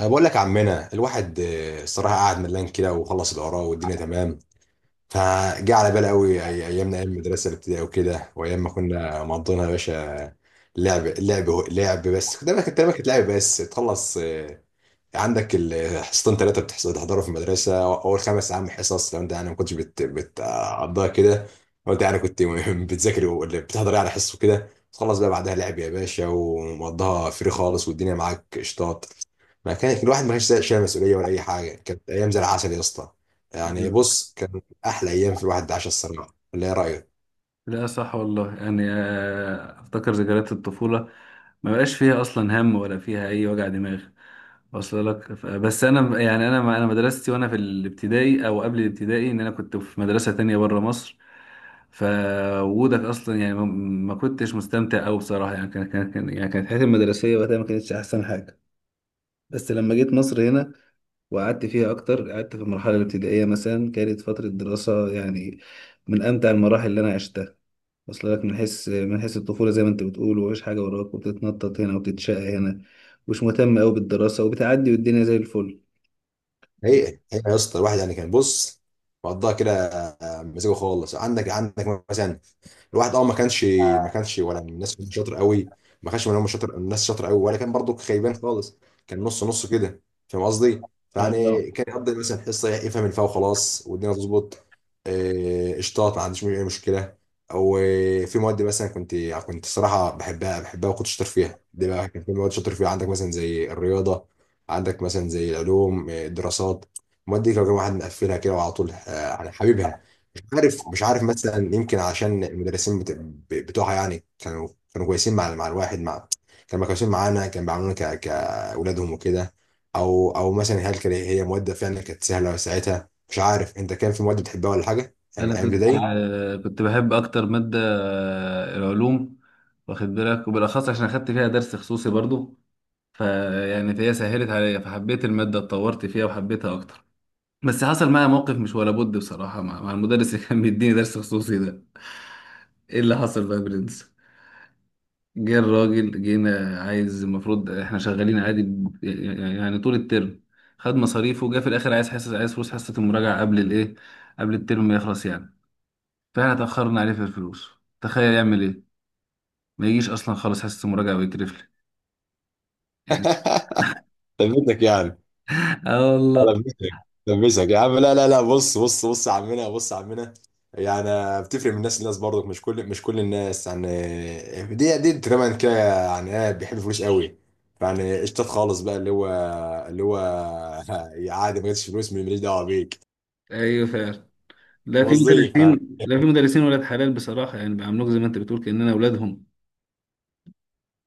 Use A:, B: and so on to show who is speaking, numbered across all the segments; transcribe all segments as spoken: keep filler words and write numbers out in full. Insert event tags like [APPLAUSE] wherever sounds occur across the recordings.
A: انا بقول لك يا عمنا الواحد آه، الصراحه قاعد ملان كده وخلص اللي وراه والدنيا تمام. فجه على باله قوي أي- ايامنا ايام المدرسه الابتدائيه وكده، وايام ما كنا مقضينها يا باشا. لعب لعب لعب، بس كنت دايما كنت دايما كانت لعب بس تخلص آه، عندك الحصتين ثلاثة بتحضروا في المدرسة أول خمس أيام حصص، لو أنت يعني ما كنتش بت- بتقضيها كده. لو أنت يعني كنت [LAUGHS] بتذاكر ولا بتحضر يعني حصص وكده، تخلص بقى بعدها لعب يا باشا، ومقضيها فري خالص والدنيا معاك قشطات. ما كان الواحد ما كانش شايل مسؤولية ولا أي حاجة، كانت أيام زي العسل يا اسطى. يعني
B: ايوه.
A: بص، كان أحلى أيام في الواحد عاشها الصراحة، ولا إيه رأيك؟
B: لا، صح والله، يعني آه، افتكر ذكريات الطفوله. ما بقاش فيها اصلا هم ولا فيها اي وجع دماغ، واصل لك. ف- بس انا، يعني انا انا مدرستي وانا في الابتدائي او قبل الابتدائي، ان انا كنت في مدرسه تانية بره مصر. فوجودك اصلا، يعني ما ما كنتش مستمتع قوي بصراحه. يعني كان كان كان- يعني كانت حياتي المدرسيه وقتها ما كانتش احسن حاجه. بس لما جيت مصر هنا، وقعدت فيها أكتر، قعدت في المرحلة الابتدائية. مثلا كانت فترة دراسة، يعني من أمتع المراحل اللي أنا عشتها، وصل لك؟ من حيث من حيث الطفولة، زي ما أنت بتقول ومفيش حاجة وراك، وبتتنطط هنا وبتتشقى هنا، مش مهتم أوي بالدراسة، وبتعدي والدنيا زي الفل.
A: هي هي يا اسطى، الواحد يعني كان بص، مقضاها كده آه، مزاجه خالص. عندك عندك مثلا الواحد، اه ما كانش ما كانش ولا من الناس اللي شاطر قوي. ما كانش من هم شاطر الناس شاطر قوي، ولا كان برضو خيبان خالص، كان نص نص كده. فاهم قصدي؟
B: اه
A: فيعني كان يقضي مثلا حصه يفهم الفا وخلاص والدنيا تظبط. آه، قشطات، ما عنديش اي مشكله. او آه، في مواد مثلا كنت كنت صراحه بحبها بحبها وكنت شاطر فيها، دي بقى كان في مواد شاطر فيها، عندك مثلا زي الرياضه، عندك مثلا زي العلوم آه، الدراسات. المواد دي لو كان واحد مقفلها كده وعلى طول آه، يعني حبيبها. مش عارف مش عارف مثلا، يمكن عشان المدرسين بت- ب- بتوعها يعني كانوا، كانوا كويسين مع مع الواحد مع، كانوا كويسين معانا، كانوا بيعاملونا ك كأولادهم وكده. او او مثلا هل كان هي مواد فعلا كانت سهله ساعتها؟ مش عارف، انت كان في مواد بتحبها ولا حاجه ايام
B: انا
A: أيام
B: كنت،
A: ابتدائي؟
B: آه، كنت بحب اكتر ماده، آه، العلوم، واخد بالك؟ وبالاخص عشان اخدت فيها درس خصوصي برضو، فيعني فهي سهلت عليا، فحبيت الماده، اتطورت فيها وحبيتها اكتر. بس حصل معايا موقف مش ولا بد بصراحة مع, مع المدرس اللي كان بيديني درس خصوصي ده. ايه اللي حصل بقى يا برنس؟ جه الراجل، جينا عايز، المفروض احنا شغالين عادي ب- يعني طول الترم، خد مصاريفه، وجا في الاخر عايز حصة، عايز فلوس حصة المراجعة قبل الايه، قبل الترم ما يخلص يعني. فاحنا اتأخرنا عليه في الفلوس، تخيل يعمل ايه؟ ما يجيش اصلا خالص حصة المراجعة، ويكرف لي يعني.
A: [LAUGHS] ثبتك يعني.
B: [LAUGHS] اه والله.
A: لبسك، لبسك يا عم. لا لا لا، بص بص بص يا عمنا، بص يا عمنا. يعني بتفرق من الناس للناس برضك، مش كل مش كل الناس يعني، دي دي تقريبا كده. يعني ايه؟ بيحب الفلوس قوي، يعني قشطات خالص بقى، اللي هو اللي هو [LAUGHS] عادي، ما جاتش فلوس ماليش دعوه بيك.
B: ايوه فعلا. لا في
A: قصدي فاهم.
B: مدرسين لا في مدرسين ولاد حلال بصراحة، يعني بيعاملوك زي ما انت بتقول، كأننا اولادهم.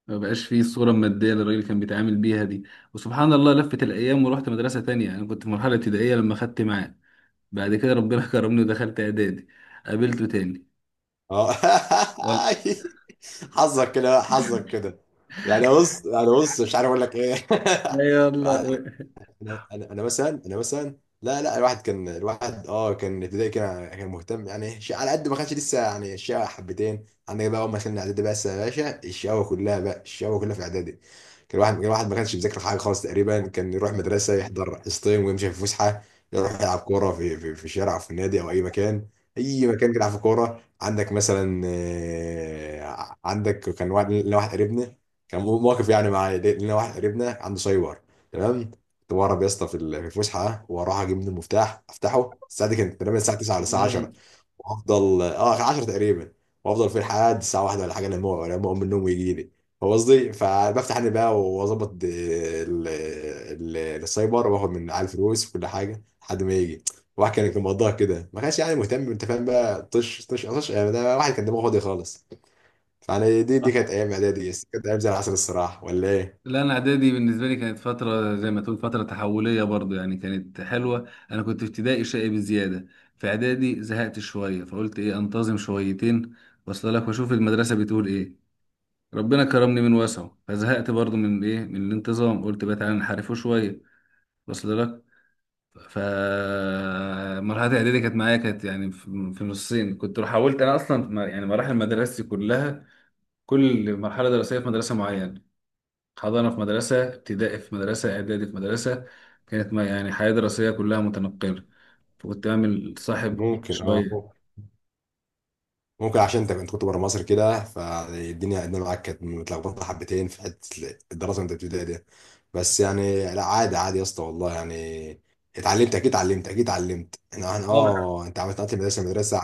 B: ما بقاش فيه الصورة المادية اللي الراجل كان بيتعامل بيها دي. وسبحان الله، لفت الأيام ورحت مدرسة تانية. أنا كنت في مرحلة ابتدائية لما خدت معاه، بعد كده ربنا [LAUGHS] كرمني ودخلت إعدادي، قابلته تاني.
A: اه [LAUGHS]
B: يلا
A: حظك كده، حظك كده. يعني بص يعني بص مش عارف اقول لك ايه. [LAUGHS]
B: يلا.
A: انا انا انا مثلا انا مثلا. لا لا، الواحد كان الواحد اه كان ابتدائي كان كان مهتم يعني شيء على قد، ما كانش لسه يعني، الشقاوة حبتين. عندك بقى اول ما دخلنا اعدادي، بس يا باشا الشقاوة كلها بقى، الشقاوة كلها في اعدادي. كان الواحد كان الواحد ما كانش بيذاكر حاجه خالص تقريبا، كان يروح مدرسه يحضر حصتين ويمشي في فسحه، يروح يلعب كوره في في, في الشارع او في النادي او اي مكان. اي مكان كده يلعب في كوره. عندك مثلا آه، عندك كان واحد لنا، واحد قريبنا كان مو- مواقف يعني معايا، لنا واحد قريبنا عنده سايبر. تمام. كنت بهرب يا اسطى في ال- في الفسحه ها، واروح اجيب من المفتاح افتحه. الساعه دي كانت تقريبا الساعه تسعة ولا الساعه
B: مم.
A: عشرة، وافضل اه عشرة تقريبا، وافضل في لحد الساعه واحدة ولا حاجه، لما لما اقوم من النوم ويجي لي. فاهم قصدي؟ فبفتح انا بقى واظبط د- ال- ال- السايبر واخد من على الفلوس وكل حاجه لحد ما يجي. واحد كان كان مقضاها كده، ما كانش يعني مهتم. انت فاهم بقى، طش طش طش، يعني ده واحد كان دماغه فاضي خالص. يعني دي دي كانت
B: آه.
A: ايام اعدادي، كانت ايام زي العسل الصراحه، ولا ايه؟
B: لا، انا اعدادي بالنسبه لي كانت فتره، زي ما تقول فتره تحوليه برضو. يعني كانت حلوه، انا كنت في ابتدائي شقي بزياده. في اعدادي زهقت شويه، فقلت ايه، انتظم شويتين، واصل لك؟ واشوف المدرسه بتقول ايه. ربنا كرمني من وسعه، فزهقت برضو من ايه من الانتظام، قلت بقى تعالى نحرفه شويه، وصل لك؟ ف مرحله اعدادي كانت معايا، كانت يعني في في نصين. كنت حاولت انا اصلا، ما- يعني مراحل مدرستي كلها، كل مرحله دراسيه في مدرسه معينه، حضانه في مدرسه، ابتدائي في مدرسه، اعدادي في مدرسه. كانت، ما يعني، حياه دراسيه كلها متنقله، فكنت بعمل صاحب كل
A: ممكن اه
B: شويه.
A: ممكن عشان انت كنت كنت بره مصر كده، فالدنيا الدنيا معاك كانت متلخبطه حبتين في حته الدراسه وانت بتبتدي دي. بس يعني لا، عادي عادي يا اسطى والله يعني. اتعلمت اكيد اتعلمت اكيد اتعلمت، انا انا
B: طبعا.
A: اه انت عملت نقلت من مدرسه لمدرسه.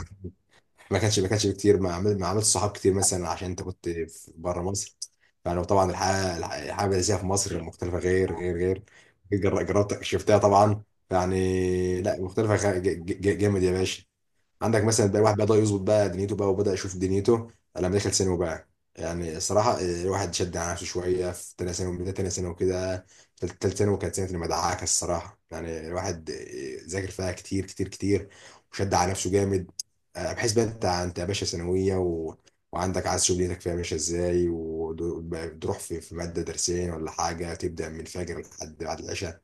A: ما كانش ما كانش كتير، ما عملت ما عملت صحاب كتير مثلا عشان انت كنت في- بره مصر. فانا طبعا الحياه الحياه المدرسيه في مصر مختلفه، غير غير غير. جر- جربت شفتها طبعا. يعني لا، مختلفه خ- ج- ج- جامد يا باشا. عندك مثلا بقى الواحد بدأ يظبط بقى دنيته بقى، وبدأ يشوف دنيته لما دخل ثانوي بقى. يعني الصراحة آه، الواحد شد على نفسه شوية، في تانية ثانوي بداية تانية ثانوي وكده. تل- تالتة ثانوي كانت سنة المدعكة الصراحة، يعني الواحد آه، ذاكر فيها كتير كتير كتير وشد على نفسه جامد آه، بحيث بقى انت انت يا باشا ثانوية و... وعندك عايز تشوف دنيتك فيها ماشية ازاي، وتروح في في مادة درسين ولا حاجة، تبدأ من الفجر لحد بعد العشاء.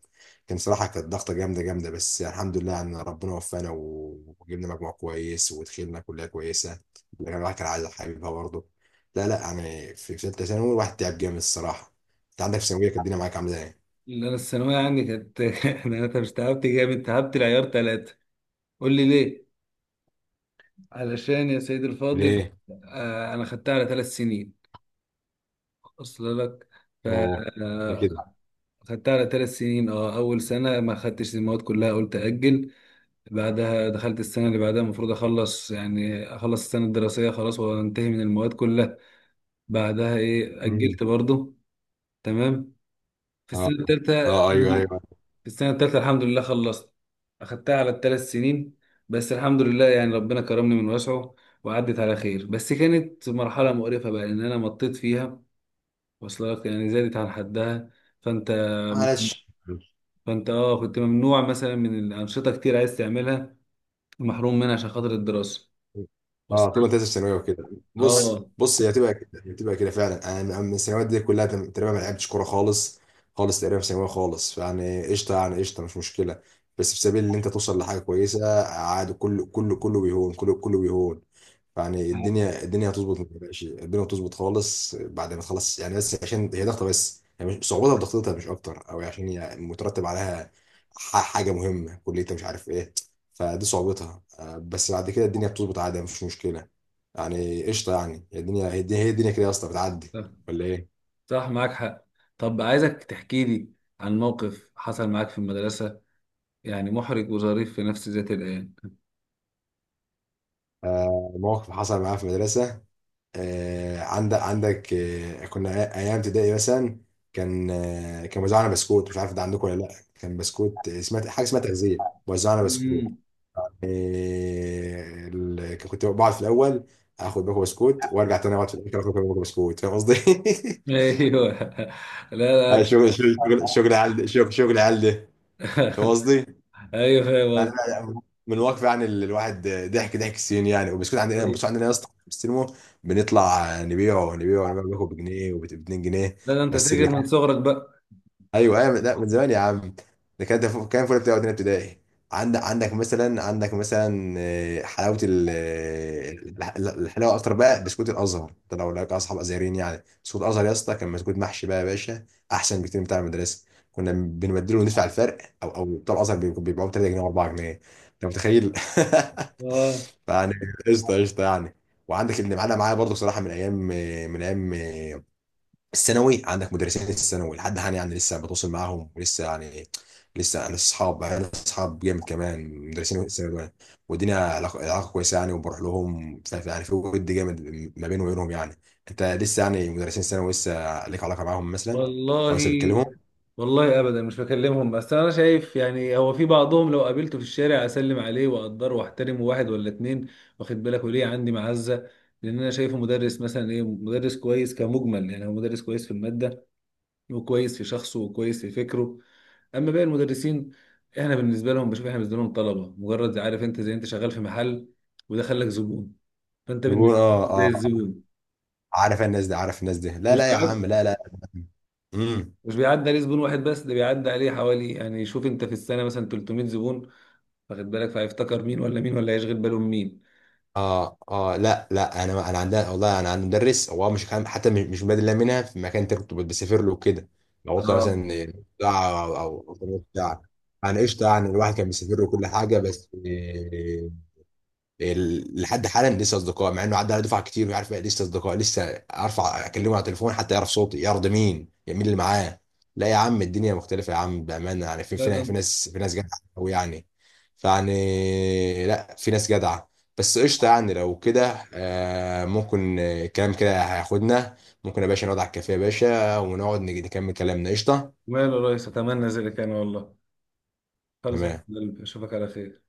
A: كان صراحة كانت ضغطة جامدة جامدة، بس الحمد لله إن ربنا وفقنا و- وجبنا مجموع كويس ودخلنا كلية كويسة، لكن الواحد كان عايز حبيبها برضه. لا لا، يعني في في ثالثة ثانوي الواحد تعب جامد الصراحة. أنت عندك في ثانوية كانت الدنيا معاك عاملة إيه؟
B: اللي انا الثانويه عندي كانت [LAUGHS] انا أنا مش تعبت جامد، تعبت العيار ثلاثه. قول لي ليه؟ علشان يا سيدي الفاضل،
A: ليه؟
B: آه، انا خدتها على ثلاث سنين، اصل لك؟ ف
A: أوه، ده كده.
B: آه، خدتها على ثلاث سنين. اه، اول سنه ما خدتش المواد كلها، قلت اجل. بعدها دخلت السنه اللي بعدها، المفروض اخلص يعني، اخلص السنه الدراسيه خلاص وانتهي من المواد كلها، بعدها ايه
A: امم.
B: اجلت برضو. تمام. في
A: اه
B: السنة التالتة،
A: اه، ايوه ايوه.
B: في السنة التالتة الحمد لله خلصت، أخدتها على الثلاث سنين. بس الحمد لله، يعني ربنا كرمني من وسعه، وعدت على خير. بس كانت مرحلة مقرفة بقى، لأن أنا مطيت فيها، واصلة لك؟ يعني زادت عن حدها. فأنت
A: معلش.
B: فأنت أه كنت ممنوع مثلا من الأنشطة كتير، عايز تعملها محروم منها عشان خاطر الدراسة،
A: اه، طول
B: واصلة
A: ما انت لسه
B: لك؟
A: في ثانويه وكده. بص
B: أه،
A: بص، هي هتبقى كده، هي هتبقى كده فعلا. انا من الثانويات دي كلها تقريبا ما لعبتش كوره خالص، خالص تقريبا في ثانويه خالص. فيعني قشطه، يعني قشطه مش مشكله، بس في سبيل ان انت توصل لحاجه كويسه عادي، كله كله كله بيهون، كله كله بيهون. يعني الدنيا الدنيا هتظبط، ما تقلقش، الدنيا هتظبط خالص بعد ما تخلص يعني. بس عشان هي ضغطه بس، يعني مش صعوبتها في ضغطتها مش اكتر، او عشان هي مترتب عليها ح- حاجه مهمه، كليه، مش عارف ايه. فدي صعوبتها آه، بس بعد كده الدنيا بتظبط عادي، مفيش مشكلة، يعني قشطة يعني. هي الدنيا هي الدنيا هي الدنيا كده يا اسطى بتعدي، ولا ايه؟
B: صح معاك حق. طب عايزك تحكي لي عن موقف حصل معاك في المدرسة، يعني محرج وظريف في نفس ذات الآن.
A: آه، موقف حصل معايا في المدرسة. آه، عندك عندك آه، كنا أيام ابتدائي مثلا، كان آه، كان وزعنا بسكوت. مش عارف ده عندكم ولا لأ، كان بسكوت آه، سمعت حاجة اسمها تغذية، وزعنا بسكوت.
B: مم.
A: آه، ال- كنت بقعد في الأول، اخد باكو بسكوت وارجع تاني اقعد في الاخر اخد باكو بسكوت، فاهم قصدي؟ [LAUGHS]
B: ايوه. [LAUGHS] لا
A: آه،
B: لا.
A: شغل شغل شغل شغل عيال ده- شغل شغل عيال ده. فاهم
B: [LAUGHS]
A: قصدي؟
B: ايوه فاهم
A: يعني
B: قصدي.
A: أنا من واقفي يعني، ال- الواحد ضحك ضحك السنين يعني. وبسكوت، عندنا بس عندنا يا اسطى في السينما بنطلع نبيعه نبيعه نبيعه، بياخد بجنيه وب2 جنيه.
B: لا، ده انت
A: بس
B: تاجر
A: اللي،
B: من صغرك بقى.
A: ايوه ايوه، لا من زمان يا عم. ده كانت، كان فول بتاع تانية ابتدائي. عندك عندك مثلا عندك مثلا آه، حلاوه ال- آه، الح- الحلاوه اكتر بقى، بسكوت الازهر ده لو لك اصحاب ازهريين، يعني بسكوت الازهر يا اسطى كان بسكوت محشي بقى يا باشا، احسن بكتير من بتاع المدرسه، كنا بنبدله وندفع الفرق. او او بتوع الازهر بيبقوا بيبيعوه تلاتة جنيه و4 جنيه. انت متخيل؟
B: اه
A: [LAUGHS] يعني قشطه قشطه يعني. وعندك اللي معانا معايا برضه صراحه، من ايام من ايام الثانوي، عندك مدرسين الثانوي لحد حاليا يعني لسه بتواصل معاهم، ولسه يعني لسه انا اصحاب انا اصحاب جامد كمان مدرسين الثانوي دول. والدنيا علاقه علاقه كويسه يعني، وبروح لهم ف- يعني في ود جامد ما بيني وبينهم يعني. انت لسه يعني مدرسين الثانوي لسه ليك علاقه معاهم مثلا،
B: والله.
A: او لسه بتكلمهم؟
B: والله ابدا مش بكلمهم. بس انا شايف يعني هو في بعضهم لو قابلته في الشارع اسلم عليه واقدره واحترمه، واحد ولا اتنين. واخد بالك؟ وليه عندي معزه؟ لان انا شايفه مدرس، مثلا ايه مدرس كويس كمجمل. يعني هو مدرس كويس في الماده، وكويس في شخصه، وكويس في فكره. اما باقي المدرسين، احنا بالنسبه لهم، بشوف احنا بالنسبه لهم طلبه مجرد. عارف انت، زي انت شغال في محل وده خلك زبون، فانت
A: بيقول
B: بالنسبه
A: اه
B: لهم زي
A: اه.
B: الزبون.
A: عارف الناس دي عارف الناس دي. لا
B: مش
A: لا يا
B: بيعد-
A: عم، لا لا. امم.
B: مش بيعدي عليه زبون واحد بس، ده بيعدي عليه حوالي يعني، شوف انت في السنه مثلا ثلاثمية زبون، واخد بالك؟ فهيفتكر مين ولا مين، ولا هيشغل باله من مين؟
A: اه اه، لا لا، انا انا عندنا والله. انا عندي مدرس، هو مش كان حتى مش مش بادئ لها منها في مكان، انت كنت بتسافر له كده، لو قلت
B: اه
A: مثلا ساعه او او أو بتاع. انا قشطه يعني، الواحد كان بيسافر له كل حاجه بس. ال- لحد حالا لسه اصدقاء مع انه عدى على دفعه كتير، ويعرف بقى لسه اصدقاء لسه. ارفع اكلمه على التليفون حتى يعرف صوتي، يعرف ده مين، يعني مين اللي معاه. لا يا عم، الدنيا مختلفه يا عم بامانه يعني، في
B: لا
A: في
B: لا.
A: في ناس في ناس جدعه قوي يعني. فيعني لا، في ناس جدعه. بس قشطه يعني، لو كده آه، ممكن آه، الكلام كده هياخدنا، ممكن يا باشا نقعد على الكافيه يا باشا ونقعد نج- نكمل كلامنا، قشطه.
B: ماله يا ريس، اتمنى ذلك انا والله. خلص يا
A: تمام.
B: حبيب قلبي، اشوفك على خير.